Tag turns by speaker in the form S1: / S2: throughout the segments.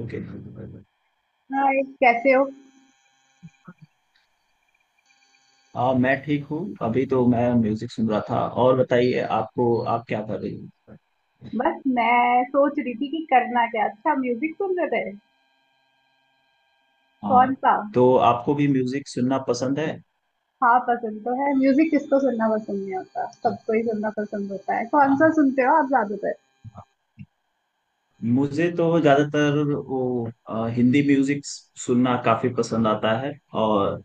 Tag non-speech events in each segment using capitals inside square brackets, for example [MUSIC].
S1: Okay.
S2: Hi, कैसे हो।
S1: मैं ठीक हूँ। अभी तो मैं म्यूजिक सुन रहा था। और बताइए, आपको, आप क्या कर रही हो?
S2: बस मैं सोच रही थी कि करना क्या। अच्छा, म्यूजिक सुन रहे थे।
S1: हाँ।
S2: कौन सा।
S1: तो आपको भी म्यूजिक सुनना पसंद है?
S2: हाँ, पसंद तो है म्यूजिक, किसको सुनना पसंद नहीं होता, सबको ही सुनना पसंद होता है। कौन सा
S1: हाँ।
S2: सुनते हो आप ज्यादातर।
S1: हाँ। मुझे तो ज्यादातर वो हिंदी म्यूजिक सुनना काफी पसंद आता है। और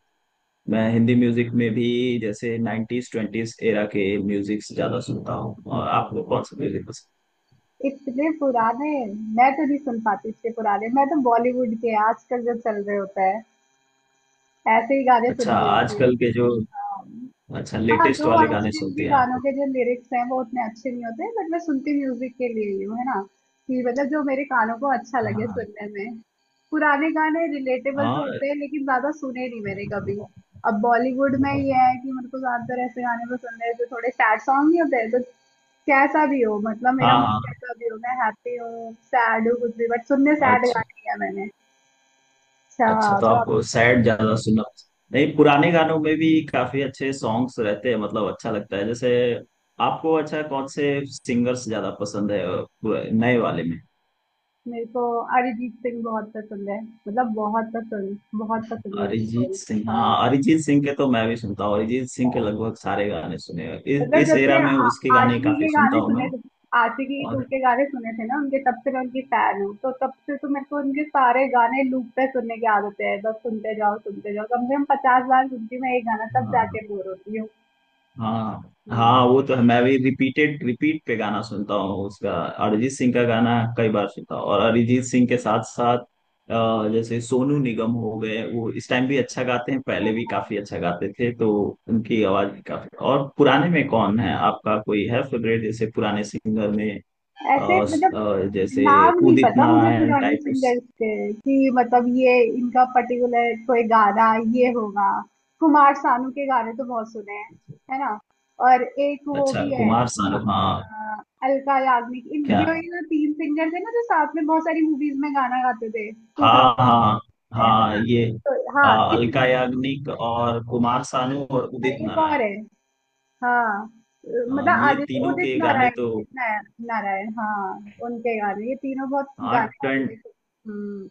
S1: मैं हिंदी म्यूजिक में भी जैसे 90s 20s एरा के म्यूजिक ज्यादा सुनता हूँ। और आपको कौन सा म्यूजिक पसंद?
S2: इतने पुराने मैं तो नहीं सुन पाती। इतने पुराने मैं तो। बॉलीवुड के आजकल जो चल रहे होता है, ऐसे ही गाने सुन
S1: अच्छा,
S2: रही होती हूँ।
S1: आजकल के जो
S2: अम,
S1: अच्छा,
S2: हाँ,
S1: लेटेस्ट
S2: जो
S1: वाले गाने
S2: आजकल
S1: सुनते
S2: के
S1: हैं
S2: गानों
S1: आप?
S2: के जो लिरिक्स हैं वो उतने अच्छे नहीं होते, बट मैं सुनती म्यूजिक के लिए ही हूँ, है ना। कि मतलब जो मेरे कानों को अच्छा लगे
S1: हाँ,
S2: सुनने में। पुराने गाने रिलेटेबल तो होते हैं, लेकिन ज्यादा सुने नहीं मैंने
S1: हाँ।
S2: कभी। अब बॉलीवुड में ये
S1: हाँ,
S2: है कि मेरे को ज्यादातर ऐसे गाने पसंद है जो थोड़े सैड सॉन्ग नहीं होते हैं, तो कैसा भी हो, मतलब मेरा मूड
S1: हाँ।
S2: कैसा भी हो, मैं हैप्पी हूँ, सैड हूँ, कुछ भी, बट सुनने सैड
S1: अच्छा।
S2: गाने ही है मैंने।
S1: अच्छा,
S2: अच्छा,
S1: तो
S2: तो आप।
S1: आपको सैड ज्यादा सुनना पसंद- नहीं,
S2: हाँ।
S1: पुराने गानों में भी काफी अच्छे सॉन्ग्स रहते हैं, मतलब अच्छा लगता है जैसे। आपको अच्छा, कौन से सिंगर्स ज्यादा पसंद है? नए वाले में?
S2: मेरे को अरिजीत सिंह बहुत पसंद है, मतलब बहुत पसंद, बहुत पसंद है, उनकी
S1: अरिजीत
S2: वॉइस।
S1: सिंह।
S2: हाँ,
S1: हाँ, अरिजीत सिंह के तो मैं भी सुनता हूँ। अरिजीत सिंह के
S2: हाँ,
S1: लगभग सारे गाने सुने हैं। इस
S2: मतलब
S1: इस
S2: जब से
S1: एरा में उसके गाने
S2: आशिकी
S1: काफी
S2: के
S1: सुनता
S2: गाने
S1: हूँ
S2: सुने
S1: मैं।
S2: थे, आशिकी टू
S1: और,
S2: के गाने सुने थे ना उनके, तब से मैं उनकी फैन हूँ, तो तब से तो मेरे को उनके सारे गाने लूप पे सुनने की आदत है। बस सुनते जाओ सुनते जाओ, कम से कम 50 बार सुनती हूँ मैं एक गाना, तब
S1: हाँ, हाँ।
S2: जाके बोर होती हूँ।
S1: हाँ,
S2: हम्म,
S1: हाँ, वो तो है। मैं भी रिपीट पे गाना सुनता हूँ उसका। अरिजीत सिंह का गाना कई बार सुनता हूँ। और अरिजीत सिंह के साथ साथ जैसे सोनू निगम हो गए, वो इस टाइम भी अच्छा गाते हैं, पहले भी काफी
S2: हाँ।
S1: अच्छा गाते थे। तो उनकी आवाज भी काफी। और पुराने में कौन है आपका? कोई है फेवरेट? जैसे पुराने सिंगर में? अ,
S2: ऐसे मतलब
S1: जैसे
S2: नाम नहीं
S1: उदित
S2: पता मुझे
S1: नारायण
S2: पुराने
S1: टाइप उस।
S2: सिंगर्स के, कि मतलब ये इनका पर्टिकुलर कोई गाना ये होगा। कुमार सानू के गाने तो बहुत सुने हैं, है ना। और एक वो
S1: अच्छा,
S2: भी है
S1: कुमार शानू, हाँ।
S2: अ, अलका याग्निक, इन
S1: क्या?
S2: ये जो तीन सिंगर थे ना, जो साथ में बहुत सारी मूवीज में गाना गाते थे। टू
S1: हाँ,
S2: थाउजेंड
S1: हाँ।
S2: में, है
S1: हाँ,
S2: ना।
S1: ये
S2: तो हाँ,
S1: अलका
S2: इतने।
S1: याग्निक और कुमार सानू और
S2: और
S1: उदित
S2: एक
S1: नारायण।
S2: और है। हाँ,
S1: हाँ,
S2: मतलब
S1: ये
S2: आदित्य,
S1: तीनों
S2: उदित
S1: के गाने
S2: नारायण
S1: तो,
S2: उदित नारायण नारायण हाँ, उनके गाने, ये तीनों बहुत
S1: हाँ,
S2: गाने गा
S1: ट्वेंट
S2: रहे थे। हम्म।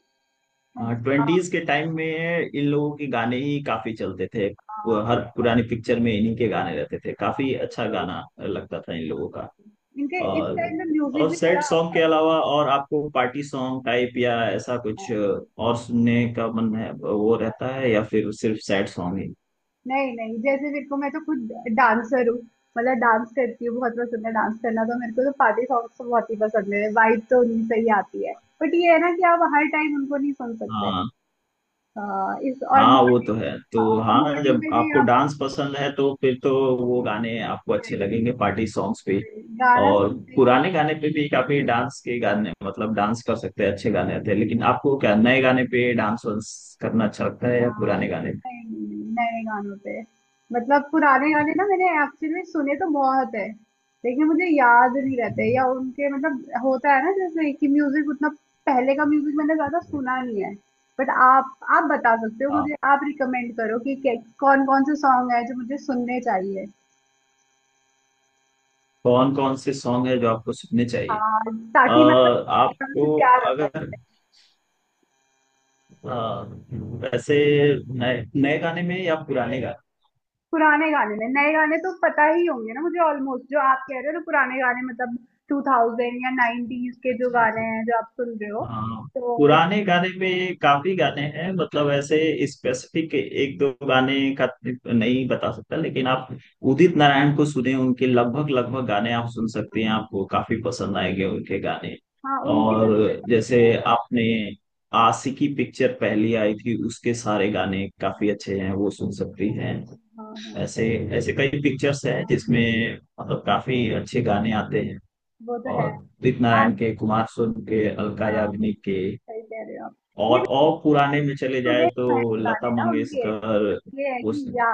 S2: अच्छा।
S1: ट्वेंटीज के टाइम में इन लोगों के गाने ही काफी चलते थे। वो
S2: हाँ,
S1: हर पुरानी पिक्चर में इन्हीं के गाने रहते थे।
S2: हाँ,
S1: काफी अच्छा
S2: बिल्कुल।
S1: गाना लगता था इन
S2: हाँ।
S1: लोगों का।
S2: इनके इस
S1: और
S2: टाइम में म्यूजिक
S1: और
S2: भी बड़ा
S1: सैड सॉन्ग
S2: अच्छा
S1: के
S2: था।
S1: अलावा और आपको पार्टी सॉन्ग टाइप या ऐसा
S2: हाँ,
S1: कुछ और सुनने का मन है?
S2: बिल्कुल।
S1: वो
S2: हाँ,
S1: रहता है या फिर सिर्फ सैड सॉन्ग ही?
S2: नहीं नहीं, जैसे मेरे को, मैं तो खुद डांसर हूँ, मतलब डांस करती हूँ, बहुत पसंद है डांस करना, तो मेरे को तो पार्टी सॉन्ग्स तो बहुत ही पसंद है, वाइब तो उन्हीं से ही आती है। बट ये है ना कि आप हर टाइम उनको नहीं सुन सकते।
S1: हाँ।
S2: हाँ, इस और
S1: हाँ, वो
S2: मॉर्निंग।
S1: तो है। तो
S2: हाँ, और
S1: हाँ,
S2: मॉर्निंग
S1: जब
S2: में भी
S1: आपको
S2: आप
S1: डांस पसंद है तो फिर तो वो गाने आपको अच्छे
S2: वही,
S1: लगेंगे, पार्टी सॉन्ग्स पे।
S2: वही, गाना
S1: और
S2: सुनते ही।
S1: पुराने गाने पे भी काफी डांस के गाने, मतलब डांस कर सकते हैं, अच्छे गाने आते हैं। लेकिन आपको क्या नए गाने पे डांस वांस करना अच्छा लगता है या
S2: हाँ,
S1: पुराने गाने
S2: नहीं, नए गानों पे। मतलब पुराने गाने ना मैंने एक्चुअली में सुने तो बहुत है, लेकिन मुझे याद नहीं
S1: पे?
S2: रहते, या उनके मतलब होता है ना, जैसे कि म्यूजिक उतना पहले का म्यूजिक मैंने ज्यादा सुना नहीं है। बट आप बता सकते हो
S1: हाँ,
S2: मुझे, आप रिकमेंड करो कि कौन कौन से सॉन्ग है जो मुझे सुनने चाहिए।
S1: कौन कौन से सॉन्ग है जो आपको सुनने चाहिए?
S2: हाँ, ताकि मतलब एकदम से
S1: आपको,
S2: प्यार हो
S1: अगर,
S2: जाए।
S1: अ, वैसे, नए नए गाने में या पुराने
S2: पुराने गाने में, नए गाने तो पता ही होंगे ना मुझे ऑलमोस्ट, जो आप कह रहे हो तो पुराने गाने, मतलब 2000 या 90s के जो
S1: गाने?
S2: गाने हैं जो आप सुन रहे हो।
S1: हाँ,
S2: तो एक।
S1: पुराने गाने में काफी गाने हैं, मतलब ऐसे स्पेसिफिक एक दो गाने का नहीं बता सकता, लेकिन आप उदित नारायण को सुने, उनके लगभग लगभग गाने आप सुन सकते हैं, आपको काफी पसंद आएंगे उनके गाने।
S2: हाँ, उनके तो
S1: और
S2: थोड़े पसंद
S1: जैसे
S2: हैं।
S1: आपने आशिकी पिक्चर पहली आई थी, उसके सारे गाने
S2: हाँ।
S1: काफी अच्छे हैं, वो सुन सकती हैं।
S2: हाँ।
S1: ऐसे ऐसे कई पिक्चर्स हैं
S2: हाँ,
S1: जिसमें मतलब काफी अच्छे गाने आते हैं।
S2: वो तो है।
S1: और उदित
S2: आज।
S1: नारायण के, कुमार सोनू के, अलका
S2: हाँ,
S1: याग्निक के,
S2: सही कह रहे हो आप। ये
S1: और पुराने में चले जाए
S2: सुने तो हैं
S1: तो
S2: गाने
S1: लता
S2: ना उनके, बट
S1: मंगेशकर।
S2: ये है कि
S1: उस,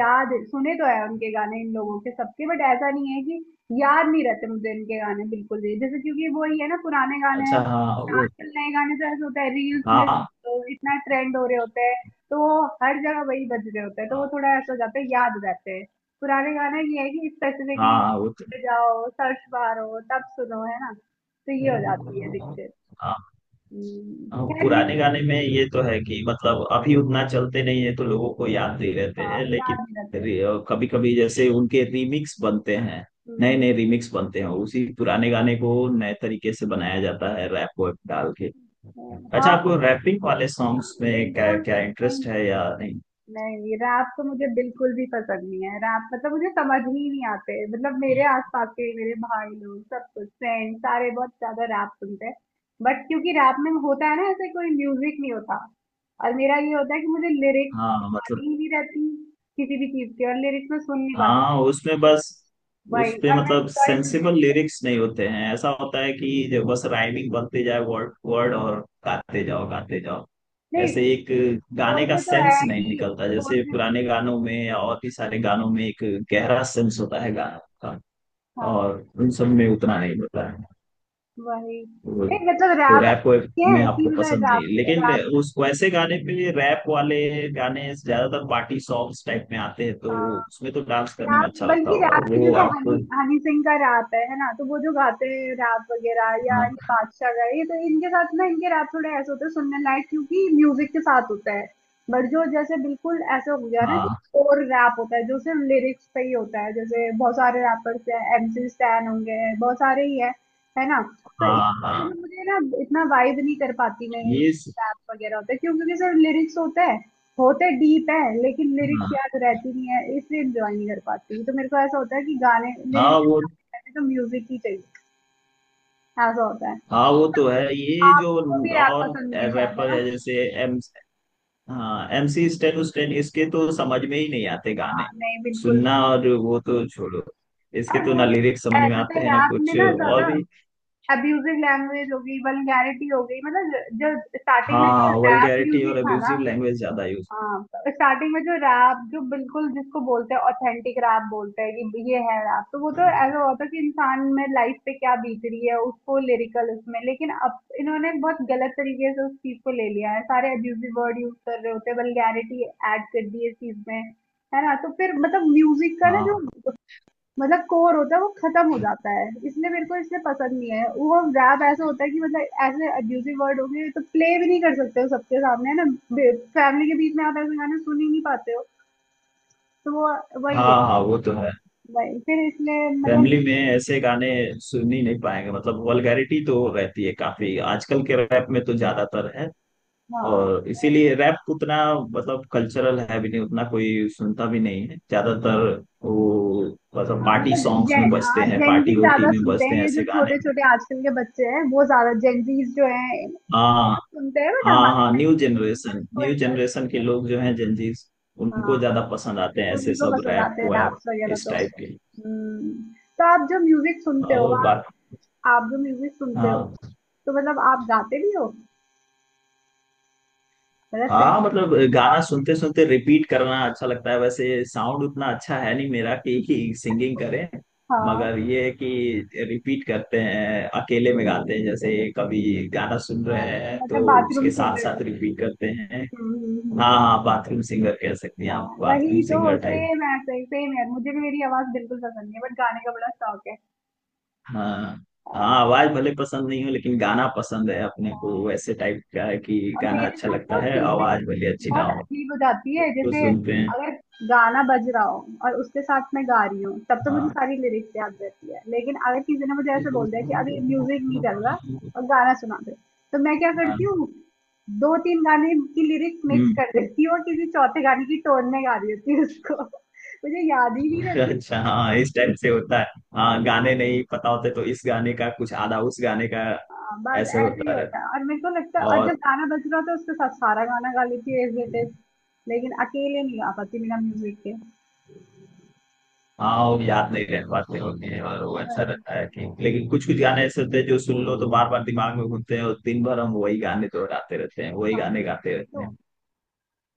S2: याद। सुने तो है उनके गाने, इन लोगों के सबके, बट ऐसा नहीं है कि याद नहीं रहते मुझे इनके गाने बिल्कुल भी, जैसे क्योंकि वो ही है ना, पुराने गाने हैं।
S1: अच्छा, हाँ, वो।
S2: आजकल नए गाने तो ऐसे होता है, रील्स में
S1: हाँ,
S2: इतना ट्रेंड हो रहे होते हैं, तो वो हर जगह वही बज रहे होते हैं, तो वो थोड़ा ऐसा हो जाता है, याद रहते हैं। पुराने गाने ये है कि स्पेसिफिकली
S1: हाँ, वो तो-
S2: जाओ, सर्च मारो तब सुनो, है ना, तो ये हो जाती है दिक्कत।
S1: हाँ, हाँ,
S2: खैर
S1: पुराने
S2: म्यूजिक।
S1: गाने में ये तो है कि मतलब अभी उतना चलते नहीं है, तो लोगों को याद नहीं रहते
S2: हाँ,
S1: हैं, लेकिन
S2: याद नहीं रहते।
S1: कभी कभी जैसे उनके रीमिक्स बनते हैं, नए
S2: हम्म,
S1: नए रीमिक्स बनते हैं, उसी पुराने गाने को नए तरीके से बनाया जाता है, रैप वैप डाल के। अच्छा,
S2: हाँ,
S1: आपको
S2: वही।
S1: रैपिंग वाले
S2: हाँ,
S1: सॉन्ग्स में क्या
S2: बिल्कुल,
S1: क्या इंटरेस्ट है
S2: नहीं।
S1: या नहीं?
S2: नहीं, रैप तो मुझे बिल्कुल भी पसंद नहीं है। रैप मतलब मुझे समझ ही नहीं आते, मतलब मेरे आसपास के, मेरे भाई लोग, सब कुछ, फ्रेंड, सारे बहुत ज्यादा रैप सुनते हैं। बट क्योंकि रैप में होता है ना ऐसे कोई म्यूजिक नहीं होता, और मेरा ये होता है कि मुझे लिरिक्स
S1: हाँ, मतलब,
S2: आती ही नहीं रहती किसी भी चीज की, और लिरिक्स में सुन नहीं पाती।
S1: हाँ, उसमें बस, उस
S2: वही,
S1: पे
S2: और मैं
S1: मतलब
S2: सॉरी,
S1: सेंसिबल
S2: म्यूजिक
S1: लिरिक्स नहीं होते हैं, ऐसा होता है कि जो बस राइमिंग बनते जाए, वर्ड वर्ड, और गाते जाओ, गाते जाओ।
S2: नहीं।
S1: ऐसे एक गाने का
S2: बोलते तो है
S1: सेंस नहीं
S2: कि।
S1: निकलता। जैसे
S2: बोलते।
S1: पुराने गानों में या और भी सारे गानों में एक गहरा सेंस होता है गानों का।
S2: हाँ,
S1: और उन सब में उतना नहीं होता है,
S2: वही,
S1: वो-
S2: नहीं मतलब
S1: तो
S2: रैप
S1: रैप
S2: है
S1: में
S2: कि,
S1: आपको
S2: मतलब
S1: पसंद नहीं,
S2: रैप,
S1: लेकिन
S2: रैप।
S1: उस, वैसे गाने पे रैप वाले गाने ज्यादातर पार्टी सॉन्ग्स टाइप में आते हैं, तो
S2: अ,
S1: वो- उसमें तो डांस करने में
S2: रैप,
S1: अच्छा लगता
S2: बल्कि
S1: होगा,
S2: रैप
S1: वो
S2: की,
S1: एकदम
S2: जैसे हनी
S1: आपको।
S2: हनी सिंह का रैप है ना, तो वो जो गाते हैं रैप वगैरह, या ये
S1: हाँ,
S2: बादशाह का, ये तो, इनके साथ ना, इनके रैप थोड़े ऐसे होते हैं सुनने लायक, क्योंकि म्यूजिक के साथ होता है। बट जो, जैसे बिल्कुल ऐसे हो गया ना कि,
S1: हाँ।
S2: और रैप होता है जो सिर्फ लिरिक्स पे ही होता है, जैसे बहुत सारे रैपर्स हैं, एमसी स्टैन होंगे, बहुत सारे ही हैं, है ना। तो
S1: हाँ, हाँ,
S2: मतलब मुझे ना इतना वाइब नहीं कर पाती मैं, इन
S1: ये स-
S2: रैप वगैरह होते हैं, क्योंकि सिर्फ लिरिक्स होते हैं, होते डीप है, लेकिन लिरिक्स
S1: हाँ,
S2: याद रहती नहीं है, इसलिए एंजॉय नहीं कर पाती, तो मेरे को ऐसा होता है कि गाने
S1: हाँ, वो,
S2: लिरिक्स, तो म्यूजिक ही चाहिए। ऐसा होता है।
S1: हाँ, वो तो है ये जो।
S2: आपको भी रैप
S1: और
S2: पसंद नहीं है शायद,
S1: रैपर
S2: है ना।
S1: है जैसे एम, हाँ, एम सी स्टैन उस्टैन, इसके तो समझ में ही नहीं आते गाने
S2: हाँ, नहीं, बिल्कुल भी।
S1: सुनना। और वो तो छोड़ो, इसके
S2: और
S1: तो
S2: वो
S1: ना
S2: भी
S1: लिरिक्स समझ
S2: है,
S1: में आते
S2: मतलब
S1: हैं, ना
S2: रैप में
S1: कुछ
S2: ना
S1: और
S2: ज्यादा
S1: भी।
S2: अब्यूजिव लैंग्वेज हो गई, वल्गैरिटी हो गई, मतलब जो स्टार्टिंग में जो
S1: हाँ,
S2: रैप
S1: वल्गैरिटी
S2: म्यूजिक
S1: और
S2: था ना।
S1: अब्यूजिव लैंग्वेज ज्यादा यूज।
S2: हाँ, स्टार्टिंग में जो रैप, जो बिल्कुल जिसको बोलते हैं ऑथेंटिक रैप, बोलते हैं कि ये है रैप, तो वो तो ऐसा होता है कि इंसान में लाइफ पे क्या बीत रही है उसको लिरिकल उसमें, लेकिन अब इन्होंने बहुत गलत तरीके से उस चीज को ले लिया है, सारे अब्यूजिव वर्ड यूज कर रहे होते हैं, वल्गैरिटी ऐड कर दी है इस चीज में, है ना। तो फिर मतलब म्यूजिक का ना जो
S1: हाँ,
S2: मतलब कोर होता है वो खत्म हो जाता है, इसलिए मेरे को इसलिए पसंद नहीं है। वो रैप ऐसा होता है कि मतलब ऐसे अब्यूज़िव वर्ड हो गए, तो प्ले भी नहीं कर सकते हो सबके सामने, है ना। बे फैमिली के बीच में आप ऐसे गाने सुन ही नहीं पाते हो, तो वो वही है,
S1: हाँ, हाँ, वो तो है।
S2: वही। फिर इसलिए मतलब
S1: फैमिली में ऐसे गाने सुन ही नहीं पाएंगे, मतलब वल्गैरिटी तो रहती है काफी, आजकल के रैप में तो ज्यादातर है।
S2: हाँ,
S1: और इसीलिए रैप उतना, मतलब कल्चरल है भी नहीं उतना, कोई सुनता भी नहीं है ज्यादातर वो, मतलब
S2: हाँ,
S1: पार्टी
S2: मतलब
S1: सॉन्ग्स में
S2: जेन
S1: बजते
S2: हाँ,
S1: हैं,
S2: जेन
S1: पार्टी
S2: ज़ी
S1: वोटी
S2: ज़्यादा
S1: में
S2: सुनते
S1: बजते
S2: हैं,
S1: हैं
S2: ये
S1: ऐसे
S2: जो
S1: गाने।
S2: छोटे-छोटे आजकल के बच्चे हैं, वो ज़्यादा जेन ज़ीज़ जो हैं, ये
S1: हाँ,
S2: तो सुनते हैं, बट
S1: हाँ,
S2: हमारे
S1: हाँ,
S2: टाइम
S1: न्यू
S2: पे मिलेनियल्स
S1: जनरेशन,
S2: को
S1: न्यू
S2: इंटरेस्ट
S1: जनरेशन
S2: नहीं
S1: के
S2: था।
S1: लोग जो हैं, जेंजीज, उनको
S2: हाँ,
S1: ज्यादा पसंद आते हैं ऐसे
S2: उन्हीं को
S1: सब
S2: पसंद
S1: रैप
S2: आते हैं
S1: वैप,
S2: रैप्स वगैरह।
S1: इस
S2: तो
S1: टाइप के।
S2: हम्म, तो आप जो म्यूजिक सुनते हो
S1: और बात।
S2: आप जो म्यूजिक सुनते हो,
S1: हाँ,
S2: तो मतलब आप गाते भी हो, मतलब सिंग।
S1: हाँ, मतलब गाना सुनते सुनते रिपीट करना अच्छा लगता है। वैसे साउंड उतना अच्छा है नहीं मेरा कि सिंगिंग करें,
S2: हाँ,
S1: मगर ये है कि रिपीट करते हैं अकेले में, गाते हैं, जैसे कभी गाना सुन
S2: हाँ,
S1: रहे हैं
S2: मतलब
S1: तो
S2: बाथरूम
S1: उसके साथ
S2: सिंगर हो।
S1: साथ रिपीट करते हैं।
S2: हम्म,
S1: हाँ, हाँ, बाथरूम सिंगर कह सकते हैं आप,
S2: हाँ,
S1: बाथरूम
S2: वही तो
S1: सिंगर टाइप।
S2: सेम है, सही, सेम है, मुझे भी मेरी आवाज बिल्कुल पसंद नहीं है, बट गाने का बड़ा शौक है।
S1: हाँ,
S2: हाँ।
S1: हाँ, आवाज भले पसंद नहीं हो लेकिन गाना पसंद है अपने को,
S2: हाँ।
S1: वैसे टाइप का है कि
S2: और
S1: गाना
S2: मेरे
S1: अच्छा
S2: साथ
S1: लगता है,
S2: तो
S1: आवाज भले अच्छी ना
S2: बहुत
S1: हो,
S2: अजीब हो जाती है,
S1: उसको
S2: जैसे
S1: सुनते हैं।
S2: अगर गाना बज रहा हो और उसके साथ मैं गा रही हूँ तब तो मुझे
S1: हाँ,
S2: सारी लिरिक्स याद रहती है, लेकिन अगर किसी ने मुझे ऐसे बोल दिया कि अभी म्यूजिक नहीं चल रहा और गाना सुना दे, तो मैं क्या
S1: हाँ,
S2: करती हूँ, दो तीन गाने की लिरिक्स मिक्स
S1: हम्म।
S2: कर देती हूँ और किसी चौथे गाने की टोन में गा रही होती हूँ उसको [LAUGHS] मुझे याद ही नहीं
S1: [LAUGHS]
S2: रहती।
S1: अच्छा, हाँ, इस टाइप से होता है। हाँ, गाने नहीं पता होते तो इस गाने का कुछ आधा, उस गाने का,
S2: हाँ, बस
S1: ऐसे
S2: ऐसे ही
S1: होता
S2: होता है,
S1: रहता।
S2: और मेरे को लगता है, और जब
S1: और,
S2: गाना बज रहा होता है उसके साथ सारा गाना गा लेती हूँ एज इट इज, लेकिन अकेले नहीं गा पाती बिना म्यूजिक के।
S1: हाँ, वो याद नहीं रह पाते होते हैं। और वो अच्छा
S2: वही।
S1: रहता है कि, लेकिन कुछ कुछ गाने ऐसे होते हैं जो सुन लो तो बार बार दिमाग में घूमते हैं, और दिन भर हम वही गाने दोहराते रहते हैं, वही
S2: हाँ,
S1: गाने गाते रहते
S2: तो
S1: हैं।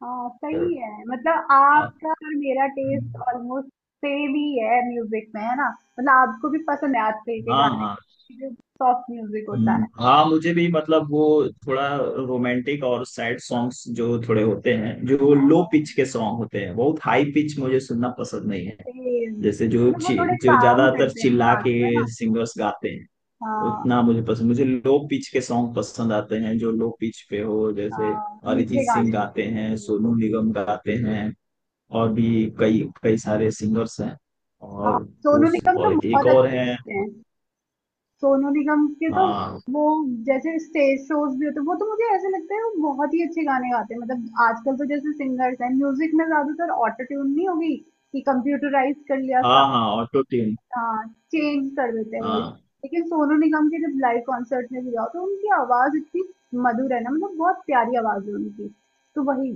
S2: हाँ,
S1: तो
S2: सही है, मतलब
S1: हाँ,
S2: आपका और मेरा टेस्ट ऑलमोस्ट सेम ही है, म्यूजिक में, है ना, मतलब आपको भी पसंद है आजकल के
S1: हाँ, हाँ।
S2: गाने जो सॉफ्ट म्यूजिक होता है।
S1: हाँ, मुझे भी, मतलब वो थोड़ा रोमांटिक और सैड सॉन्ग्स जो थोड़े होते हैं, जो लो पिच के
S2: हाँ,
S1: सॉन्ग होते हैं। बहुत हाई पिच मुझे सुनना पसंद नहीं है।
S2: सेम,
S1: जैसे जो
S2: मतलब वो थोड़े
S1: जो
S2: काम
S1: ज्यादातर
S2: करते हैं
S1: चिल्ला
S2: इंसान
S1: के
S2: को, है ना।
S1: सिंगर्स गाते हैं,
S2: हाँ,
S1: उतना मुझे पसंद। मुझे लो पिच के सॉन्ग पसंद आते हैं, जो लो पिच पे हो, जैसे
S2: हाँ
S1: अरिजीत
S2: मीठे
S1: सिंह
S2: गाने।
S1: गाते हैं, सोनू निगम गाते हैं, और भी कई कई सारे सिंगर्स हैं।
S2: हाँ,
S1: और
S2: सोनू
S1: उस,
S2: निगम तो
S1: और एक
S2: बहुत
S1: और है।
S2: अच्छे हैं। सोनू निगम के तो
S1: हाँ,
S2: वो जैसे स्टेज शोज भी होते हैं, वो तो मुझे ऐसे लगता है वो बहुत ही अच्छे गाने गाते हैं, मतलब आजकल तो जैसे सिंगर्स हैं म्यूजिक में ज्यादातर ऑटो ट्यून नहीं होगी, कि कंप्यूटराइज कर लिया,
S1: हाँ, हाँ, ऑटो ट्यून।
S2: चेंज कर देते हैं वॉइस।
S1: हाँ,
S2: लेकिन सोनू निगम के जब लाइव कॉन्सर्ट में भी जाओ तो उनकी आवाज इतनी मधुर है ना, मतलब बहुत प्यारी आवाज है उनकी, तो वही।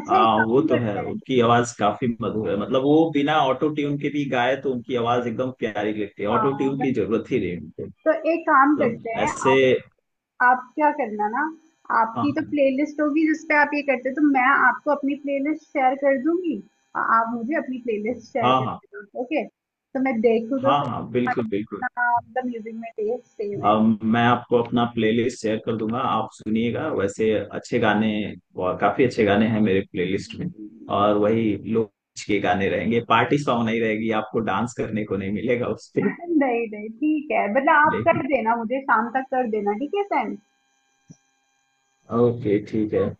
S2: अच्छा,
S1: हाँ,
S2: एक
S1: वो
S2: काम
S1: तो है,
S2: करते हैं।
S1: उनकी आवाज काफी मधुर है, मतलब वो बिना ऑटो ट्यून के भी गाए तो उनकी आवाज एकदम प्यारी लगती है,
S2: हाँ,
S1: ऑटो ट्यून की
S2: वही,
S1: जरूरत ही नहीं उनको,
S2: तो एक काम
S1: मतलब
S2: करते हैं,
S1: ऐसे।
S2: आप एक, आप क्या करना ना, आपकी तो
S1: हाँ,
S2: प्लेलिस्ट होगी जिस पे आप ये करते हो, तो मैं आपको अपनी प्लेलिस्ट शेयर कर दूंगी और आप मुझे अपनी प्लेलिस्ट शेयर
S1: हाँ।
S2: कर
S1: हाँ,
S2: देना, ओके, तो मैं देखूँ तो
S1: हाँ,
S2: सही।
S1: हाँ, बिल्कुल, बिल्कुल।
S2: इतना मतलब म्यूजिक में टेस्ट सेम है।
S1: अब मैं आपको अपना प्लेलिस्ट शेयर कर दूंगा, आप सुनिएगा, वैसे अच्छे गाने, और काफी अच्छे गाने हैं मेरे प्लेलिस्ट में, और वही लोग के गाने रहेंगे, पार्टी सॉन्ग नहीं रहेगी, आपको डांस करने को नहीं मिलेगा उस पे,
S2: नहीं नहीं, ठीक है, मतलब आप कर
S1: लेकिन
S2: देना मुझे, शाम तक कर देना, ठीक है, सेंड।
S1: ओके, ठीक है।